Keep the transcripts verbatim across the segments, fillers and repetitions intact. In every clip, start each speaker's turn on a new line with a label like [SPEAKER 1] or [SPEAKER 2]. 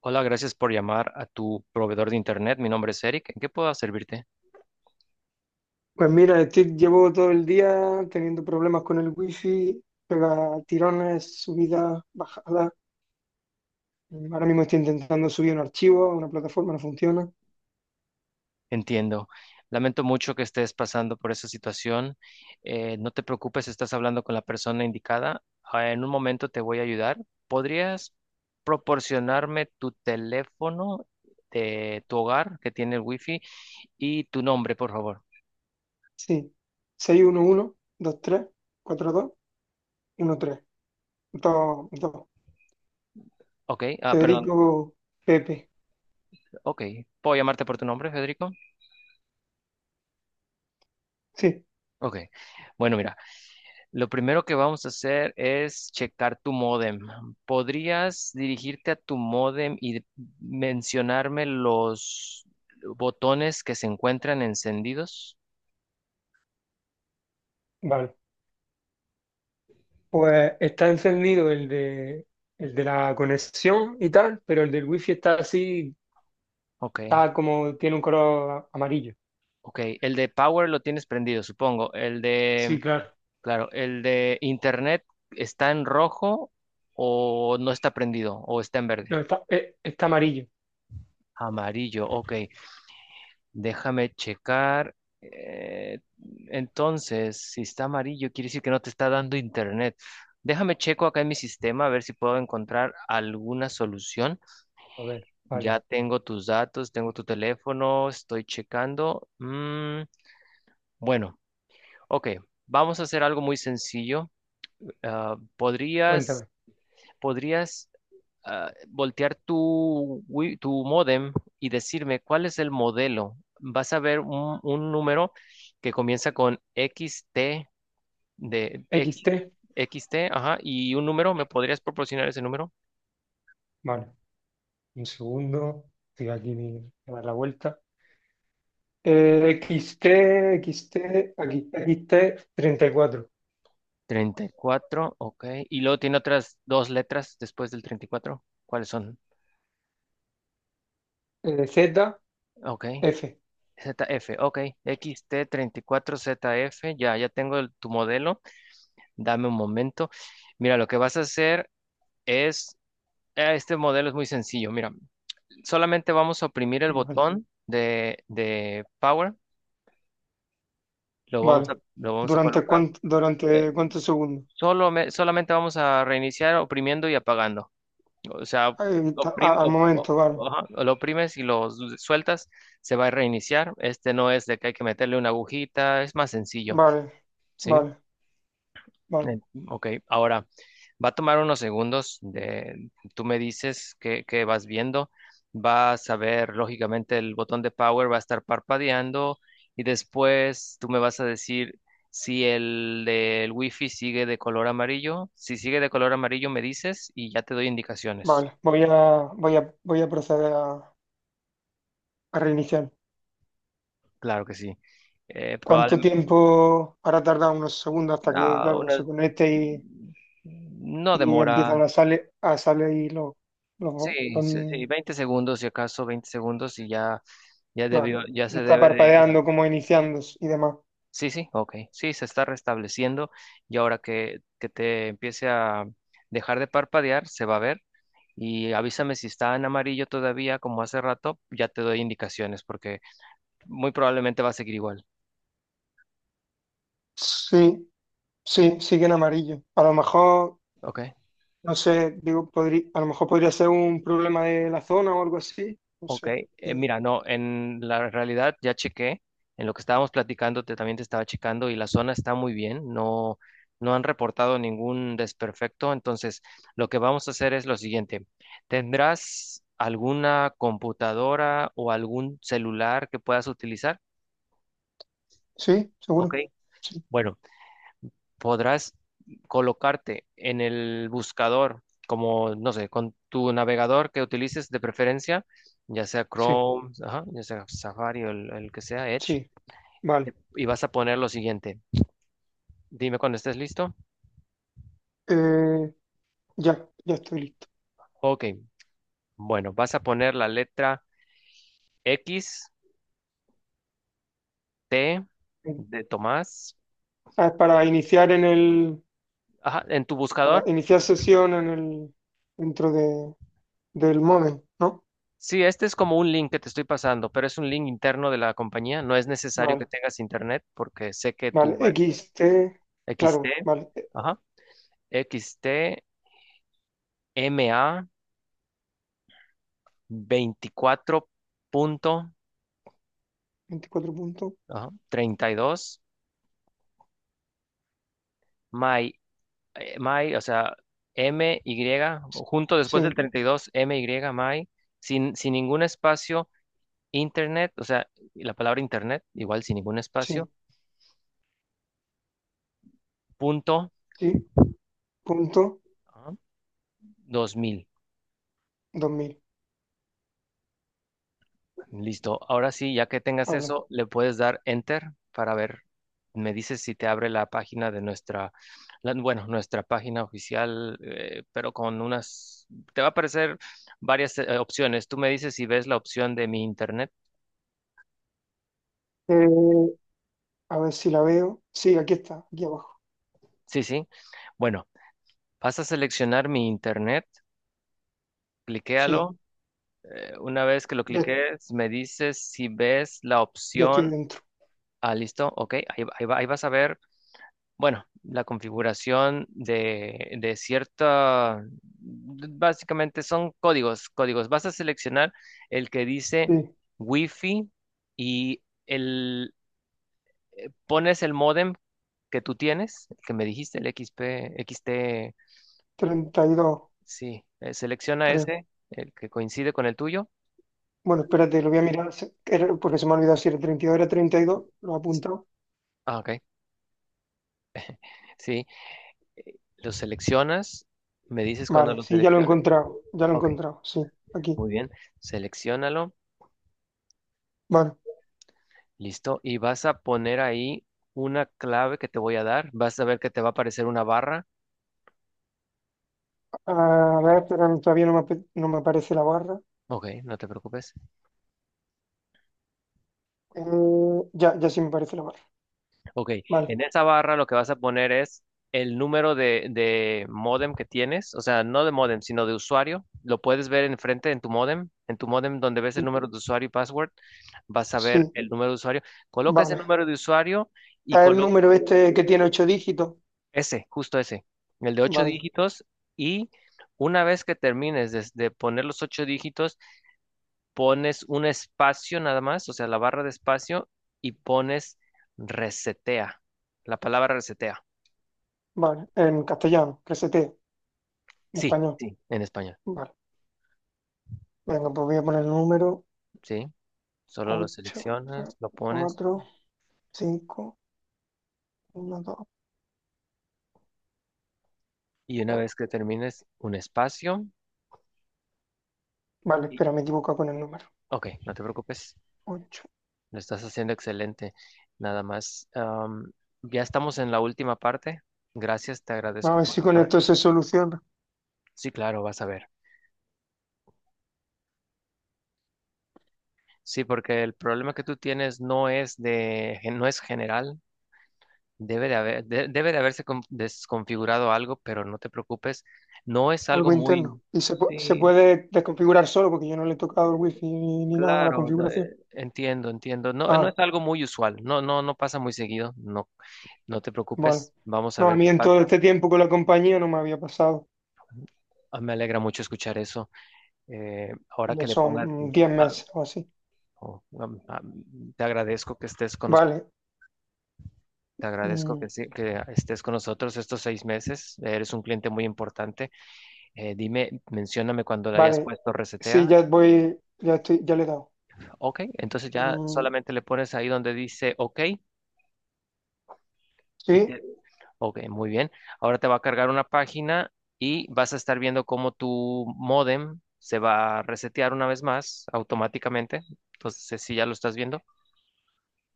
[SPEAKER 1] Hola, gracias por llamar a tu proveedor de Internet. Mi nombre es Eric. ¿En qué puedo servirte?
[SPEAKER 2] Pues mira, estoy, llevo todo el día teniendo problemas con el wifi, pega tirones, subidas, bajadas. Ahora mismo estoy intentando subir un archivo a una plataforma, no funciona.
[SPEAKER 1] Entiendo. Lamento mucho que estés pasando por esa situación. Eh, no te preocupes, estás hablando con la persona indicada. Ah, En un momento te voy a ayudar. ¿Podrías proporcionarme tu teléfono de tu hogar que tiene el wifi y tu nombre, por favor?
[SPEAKER 2] Sí, seis uno uno, veintitrés, cuarenta y dos, trece, dos, dos.
[SPEAKER 1] Ok, ah, perdón.
[SPEAKER 2] Federico Pepe.
[SPEAKER 1] Ok, ¿puedo llamarte por tu nombre, Federico?
[SPEAKER 2] Sí,
[SPEAKER 1] Ok, bueno, mira. Lo primero que vamos a hacer es checar tu módem. ¿Podrías dirigirte a tu módem y mencionarme los botones que se encuentran encendidos?
[SPEAKER 2] vale. Pues está encendido el de, el de la conexión y tal, pero el del wifi está así,
[SPEAKER 1] Ok,
[SPEAKER 2] está como, tiene un color amarillo.
[SPEAKER 1] ok. El de power lo tienes prendido, supongo. El
[SPEAKER 2] Sí,
[SPEAKER 1] de,
[SPEAKER 2] claro.
[SPEAKER 1] claro, el de internet está en rojo o no está prendido o está en verde.
[SPEAKER 2] No, está, eh, está amarillo.
[SPEAKER 1] Amarillo, ok. Déjame checar. eh, entonces, si está amarillo, quiere decir que no te está dando internet. Déjame checo acá en mi sistema a ver si puedo encontrar alguna solución.
[SPEAKER 2] A ver,
[SPEAKER 1] Ya
[SPEAKER 2] vale.
[SPEAKER 1] tengo tus datos, tengo tu teléfono, estoy checando. Mm, bueno, ok. Vamos a hacer algo muy sencillo. Ah, ¿podrías,
[SPEAKER 2] Cuéntame.
[SPEAKER 1] podrías ah, voltear tu, wi- tu módem y decirme cuál es el modelo. Vas a ver un, un número que comienza con X T de
[SPEAKER 2] x
[SPEAKER 1] X,
[SPEAKER 2] t
[SPEAKER 1] XT, ajá, y un número, ¿me podrías proporcionar ese número?
[SPEAKER 2] Vale. Un segundo. Estoy aquí mi- a dar la vuelta. Eh, X T, X T, aquí, X T treinta y cuatro.
[SPEAKER 1] Treinta y cuatro, ok. Y luego tiene otras dos letras después del treinta y cuatro. ¿Cuáles son?
[SPEAKER 2] Eh, Z,
[SPEAKER 1] Ok.
[SPEAKER 2] F.
[SPEAKER 1] Z F, ok. X T treinta y cuatro Z F. ya, ya tengo el- tu modelo. Dame un momento. Mira, lo que vas a hacer es... Eh, Este modelo es muy sencillo. Mira, solamente vamos a oprimir el
[SPEAKER 2] Vale.
[SPEAKER 1] botón de, de power. Lo vamos a,
[SPEAKER 2] Vale.
[SPEAKER 1] lo vamos a
[SPEAKER 2] ¿Durante
[SPEAKER 1] colocar.
[SPEAKER 2] cuánto,
[SPEAKER 1] eh,
[SPEAKER 2] durante cuántos segundos?
[SPEAKER 1] solo me- Solamente vamos a reiniciar oprimiendo y apagando. O sea,
[SPEAKER 2] Ahí está,
[SPEAKER 1] oprim-
[SPEAKER 2] a- al momento,
[SPEAKER 1] o-
[SPEAKER 2] vale.
[SPEAKER 1] o- ajá, lo oprimes y lo s- sueltas, se va a reiniciar. Este no es de que hay que meterle una agujita, es más sencillo,
[SPEAKER 2] Vale.
[SPEAKER 1] ¿sí?
[SPEAKER 2] Vale. Vale.
[SPEAKER 1] En- Ok, ahora va a tomar unos segundos de, tú me dices que, que vas viendo, vas a ver, lógicamente el botón de power va a estar parpadeando y después tú me vas a decir si el del wifi sigue de color amarillo. Si sigue de color amarillo me dices y ya te doy indicaciones.
[SPEAKER 2] Vale. Voy a, voy a, voy a proceder a, a reiniciar.
[SPEAKER 1] Claro que sí.
[SPEAKER 2] ¿Cuánto
[SPEAKER 1] Probablemente,
[SPEAKER 2] tiempo hará tardar unos segundos hasta que,
[SPEAKER 1] no,
[SPEAKER 2] claro,
[SPEAKER 1] una-
[SPEAKER 2] se conecte
[SPEAKER 1] no
[SPEAKER 2] y
[SPEAKER 1] demora.
[SPEAKER 2] empiezan a salir, a salir los, los,
[SPEAKER 1] Sí, sí, sí,
[SPEAKER 2] los-
[SPEAKER 1] veinte segundos, si acaso veinte segundos y ya, ya
[SPEAKER 2] bueno,
[SPEAKER 1] debió, ya
[SPEAKER 2] ya
[SPEAKER 1] se
[SPEAKER 2] está
[SPEAKER 1] debe de...
[SPEAKER 2] parpadeando como iniciándose y demás.
[SPEAKER 1] Sí, sí, ok. Sí, se está restableciendo y ahora que, que te empiece a dejar de parpadear, se va a ver. Y avísame si está en amarillo todavía, como hace rato, ya te doy indicaciones porque muy probablemente va a seguir igual.
[SPEAKER 2] Sí, sí, sigue en amarillo. A lo mejor,
[SPEAKER 1] Ok.
[SPEAKER 2] no sé, digo, podrí- a lo mejor podría ser un problema de la zona o algo así, no
[SPEAKER 1] Ok,
[SPEAKER 2] sé.
[SPEAKER 1] eh,
[SPEAKER 2] Eh,
[SPEAKER 1] mira, no, en la realidad ya chequé, en lo que estábamos platicando te, también te estaba checando y la zona está muy bien. No, no han reportado ningún desperfecto, entonces lo que vamos a hacer es lo siguiente, ¿tendrás alguna computadora o algún celular que puedas utilizar?
[SPEAKER 2] Sí,
[SPEAKER 1] Ok,
[SPEAKER 2] seguro. Sí,
[SPEAKER 1] bueno. Podrás colocarte en el buscador, como, no sé, con tu navegador que utilices de preferencia, ya sea
[SPEAKER 2] sí,
[SPEAKER 1] Chrome, ajá, ya sea Safari o el, el que sea, Edge,
[SPEAKER 2] sí, vale.
[SPEAKER 1] y vas a poner lo siguiente. Dime cuando estés listo.
[SPEAKER 2] Eh, ya, ya estoy listo.
[SPEAKER 1] Ok, bueno, vas a poner la letra X, T de Tomás,
[SPEAKER 2] Ah, es para iniciar en el,
[SPEAKER 1] ajá, en tu
[SPEAKER 2] para
[SPEAKER 1] buscador.
[SPEAKER 2] iniciar sesión en el, dentro de, del modem, ¿no?
[SPEAKER 1] Sí, este es como un link que te estoy pasando, pero es un link interno de la compañía. No es necesario que
[SPEAKER 2] Vale.
[SPEAKER 1] tengas internet porque sé que tu
[SPEAKER 2] Vale,
[SPEAKER 1] web.
[SPEAKER 2] X T.
[SPEAKER 1] X
[SPEAKER 2] Claro,
[SPEAKER 1] T,
[SPEAKER 2] vale, eh,
[SPEAKER 1] ajá, x t m a veinticuatro punto,
[SPEAKER 2] veinticuatro puntos,
[SPEAKER 1] ajá, treinta y dos, my, eh, my, o sea, m y junto después del
[SPEAKER 2] sí,
[SPEAKER 1] treinta y dos m y my, sin, sin ningún espacio, internet, o sea, la palabra internet, igual sin ningún
[SPEAKER 2] sí,
[SPEAKER 1] espacio, punto,
[SPEAKER 2] sí, punto
[SPEAKER 1] ajá, dos mil.
[SPEAKER 2] dos mil.
[SPEAKER 1] Listo. Ahora sí, ya que tengas
[SPEAKER 2] Vale.
[SPEAKER 1] eso, le puedes dar enter para ver. Me dices si te abre la página de nuestra, la- bueno, nuestra página oficial, eh, pero con unas, te va a aparecer varias eh, opciones. Tú me dices si ves la opción de mi internet.
[SPEAKER 2] Eh, a ver si la veo, sí, aquí está, aquí abajo,
[SPEAKER 1] Sí, sí. Bueno, vas a seleccionar mi internet,
[SPEAKER 2] sí,
[SPEAKER 1] cliquéalo. Eh, una vez que lo
[SPEAKER 2] ya,
[SPEAKER 1] cliques, me dices si ves la
[SPEAKER 2] ya estoy
[SPEAKER 1] opción.
[SPEAKER 2] dentro,
[SPEAKER 1] Ah, listo. Ok, ahí, ahí va- ahí vas a ver. Bueno, la configuración de, de cierta, básicamente son códigos, códigos. Vas a seleccionar el que dice
[SPEAKER 2] sí,
[SPEAKER 1] Wi-Fi y el, pones el módem que tú tienes, el que me dijiste, el X P, X T.
[SPEAKER 2] treinta y dos
[SPEAKER 1] Sí, eh, selecciona
[SPEAKER 2] creo.
[SPEAKER 1] ese, el que coincide con el tuyo.
[SPEAKER 2] Bueno, espérate, lo voy a mirar, se- era- porque se me ha olvidado si era treinta y dos, era treinta y dos lo he
[SPEAKER 1] Sí.
[SPEAKER 2] apuntado.
[SPEAKER 1] Ah, ok, sí, lo seleccionas, me dices cuando
[SPEAKER 2] Vale,
[SPEAKER 1] lo
[SPEAKER 2] sí, ya lo he
[SPEAKER 1] selecciones.
[SPEAKER 2] encontrado, ya lo he
[SPEAKER 1] Ok,
[SPEAKER 2] encontrado, sí, aquí.
[SPEAKER 1] muy bien, seleccionalo.
[SPEAKER 2] Vale,
[SPEAKER 1] Listo. Y vas a poner ahí una clave que te voy a dar. Vas a ver que te va a aparecer una barra.
[SPEAKER 2] a ver, pero todavía no me, ape- no me aparece la barra.
[SPEAKER 1] Ok, no te preocupes.
[SPEAKER 2] Eh, ya, ya sí me aparece la barra.
[SPEAKER 1] Ok,
[SPEAKER 2] Vale.
[SPEAKER 1] en esa barra lo que vas a poner es el número de, de módem que tienes. O sea, no de módem, sino de usuario. Lo puedes ver enfrente en tu módem. En tu módem donde ves el número de usuario y password, vas a ver
[SPEAKER 2] Sí,
[SPEAKER 1] el número de usuario. Coloca ese
[SPEAKER 2] vale.
[SPEAKER 1] número de usuario y
[SPEAKER 2] Es el
[SPEAKER 1] coloca...
[SPEAKER 2] número este que tiene ocho dígitos.
[SPEAKER 1] Ese, justo ese, el de ocho
[SPEAKER 2] Vale,
[SPEAKER 1] dígitos. Y una vez que termines de, de poner los ocho dígitos, pones un espacio nada más, o sea, la barra de espacio y pones resetea. La palabra resetea.
[SPEAKER 2] vale. En castellano, que se te, en
[SPEAKER 1] Sí,
[SPEAKER 2] español.
[SPEAKER 1] sí, en español.
[SPEAKER 2] Vale. Venga, pues voy a poner el número
[SPEAKER 1] Sí, solo lo
[SPEAKER 2] ocho tres,
[SPEAKER 1] seleccionas, lo pones
[SPEAKER 2] cuatro, cinco, uno, dos,
[SPEAKER 1] y una
[SPEAKER 2] cuatro.
[SPEAKER 1] vez que termines un espacio,
[SPEAKER 2] Vale,
[SPEAKER 1] y,
[SPEAKER 2] espera, me he equivocado con el número.
[SPEAKER 1] ok, no te preocupes,
[SPEAKER 2] Ocho.
[SPEAKER 1] lo estás haciendo excelente. Nada más, am, ya estamos en la última parte. Gracias, te
[SPEAKER 2] Vamos a
[SPEAKER 1] agradezco
[SPEAKER 2] ver
[SPEAKER 1] por
[SPEAKER 2] si
[SPEAKER 1] tu...
[SPEAKER 2] con
[SPEAKER 1] pa-
[SPEAKER 2] esto se soluciona
[SPEAKER 1] Sí, claro, vas a ver. Sí, porque el problema que tú tienes no es de, no es general. Debe de haber, de- debe de haberse con- desconfigurado algo, pero no te preocupes, no es algo
[SPEAKER 2] algo
[SPEAKER 1] muy...
[SPEAKER 2] interno. Y se, pu- se
[SPEAKER 1] Sí,
[SPEAKER 2] puede desconfigurar solo porque yo no le he tocado el wifi ni, ni nada a la
[SPEAKER 1] claro, no,
[SPEAKER 2] configuración.
[SPEAKER 1] eh, entiendo, entiendo. No, no
[SPEAKER 2] Ah,
[SPEAKER 1] es algo muy usual, no, no, no pasa muy seguido, no, no te
[SPEAKER 2] vale.
[SPEAKER 1] preocupes, vamos a
[SPEAKER 2] No, a
[SPEAKER 1] ver
[SPEAKER 2] mí
[SPEAKER 1] qué
[SPEAKER 2] en todo
[SPEAKER 1] pasa.
[SPEAKER 2] este tiempo con la compañía no me había pasado.
[SPEAKER 1] Ah, me alegra mucho escuchar eso. Eh, ahora
[SPEAKER 2] Ya
[SPEAKER 1] que le
[SPEAKER 2] son
[SPEAKER 1] pongas,
[SPEAKER 2] mm, diez
[SPEAKER 1] la-
[SPEAKER 2] meses o así.
[SPEAKER 1] oh, am- am- te agradezco que estés con nos-
[SPEAKER 2] Vale,
[SPEAKER 1] te agradezco que,
[SPEAKER 2] mm,
[SPEAKER 1] sí- que estés con nosotros estos seis meses, eres un cliente muy importante. Eh, dime, mencióname cuando le hayas
[SPEAKER 2] vale.
[SPEAKER 1] puesto resetea.
[SPEAKER 2] Sí, ya voy, ya estoy, ya le he dado.
[SPEAKER 1] Ok, entonces ya
[SPEAKER 2] Mm,
[SPEAKER 1] solamente le pones ahí donde dice OK y
[SPEAKER 2] sí,
[SPEAKER 1] te... Ok, muy bien. Ahora te va a cargar una página y vas a estar viendo cómo tu modem se va a resetear una vez más automáticamente. Entonces, si ya lo estás viendo.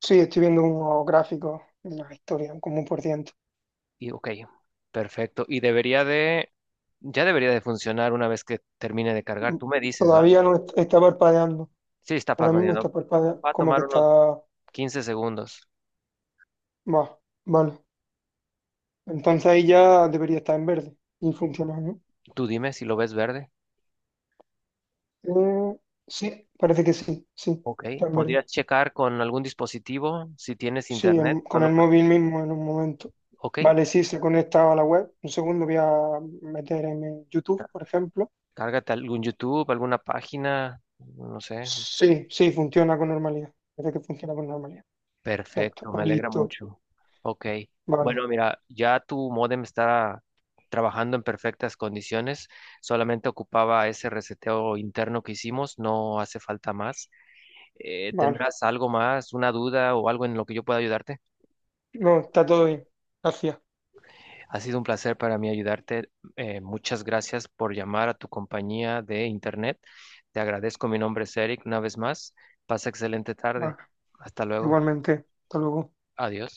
[SPEAKER 2] sí, estoy viendo unos gráficos, una historia, como un por ciento.
[SPEAKER 1] Y ok, perfecto. Y debería de... Ya debería de funcionar una vez que termine de cargar.
[SPEAKER 2] Mm,
[SPEAKER 1] Tú me dices, ¿va?
[SPEAKER 2] Todavía no est- está parpadeando.
[SPEAKER 1] Sí, está
[SPEAKER 2] Ahora mismo
[SPEAKER 1] parpadeando.
[SPEAKER 2] está parpadeando,
[SPEAKER 1] Va a
[SPEAKER 2] como que
[SPEAKER 1] tomar
[SPEAKER 2] está.
[SPEAKER 1] unos quince segundos.
[SPEAKER 2] Va, vale. Entonces ahí ya debería estar en verde y funcionar, ¿no?
[SPEAKER 1] Tú dime si lo ves verde.
[SPEAKER 2] Eh, sí, parece que sí, sí,
[SPEAKER 1] Ok,
[SPEAKER 2] está en verde.
[SPEAKER 1] podrías checar con algún dispositivo si tienes
[SPEAKER 2] Sí,
[SPEAKER 1] internet,
[SPEAKER 2] en- con
[SPEAKER 1] solo
[SPEAKER 2] el
[SPEAKER 1] para...
[SPEAKER 2] móvil mismo en un momento.
[SPEAKER 1] Ok,
[SPEAKER 2] Vale, sí, se conecta a la web. Un segundo voy a meter en YouTube,
[SPEAKER 1] ca-
[SPEAKER 2] por ejemplo.
[SPEAKER 1] cárgate algún YouTube, alguna página, no sé.
[SPEAKER 2] Sí, sí, funciona con normalidad. Parece que funciona con normalidad. Ya está,
[SPEAKER 1] Perfecto, me
[SPEAKER 2] pues
[SPEAKER 1] alegra
[SPEAKER 2] listo.
[SPEAKER 1] mucho. Ok,
[SPEAKER 2] Vale,
[SPEAKER 1] bueno, mira, ya tu modem está trabajando en perfectas condiciones, solamente ocupaba ese reseteo interno que hicimos, no hace falta más. Eh,
[SPEAKER 2] vale.
[SPEAKER 1] ¿tendrás algo más, una duda o algo en lo que yo pueda ayudarte?
[SPEAKER 2] No, está todo bien. Gracias.
[SPEAKER 1] Ha sido un placer para mí ayudarte. Eh, muchas gracias por llamar a tu compañía de Internet. Te agradezco. Mi nombre es Eric una vez más. Pasa excelente tarde.
[SPEAKER 2] Vale,
[SPEAKER 1] Hasta luego.
[SPEAKER 2] igualmente. Hasta luego.
[SPEAKER 1] Adiós.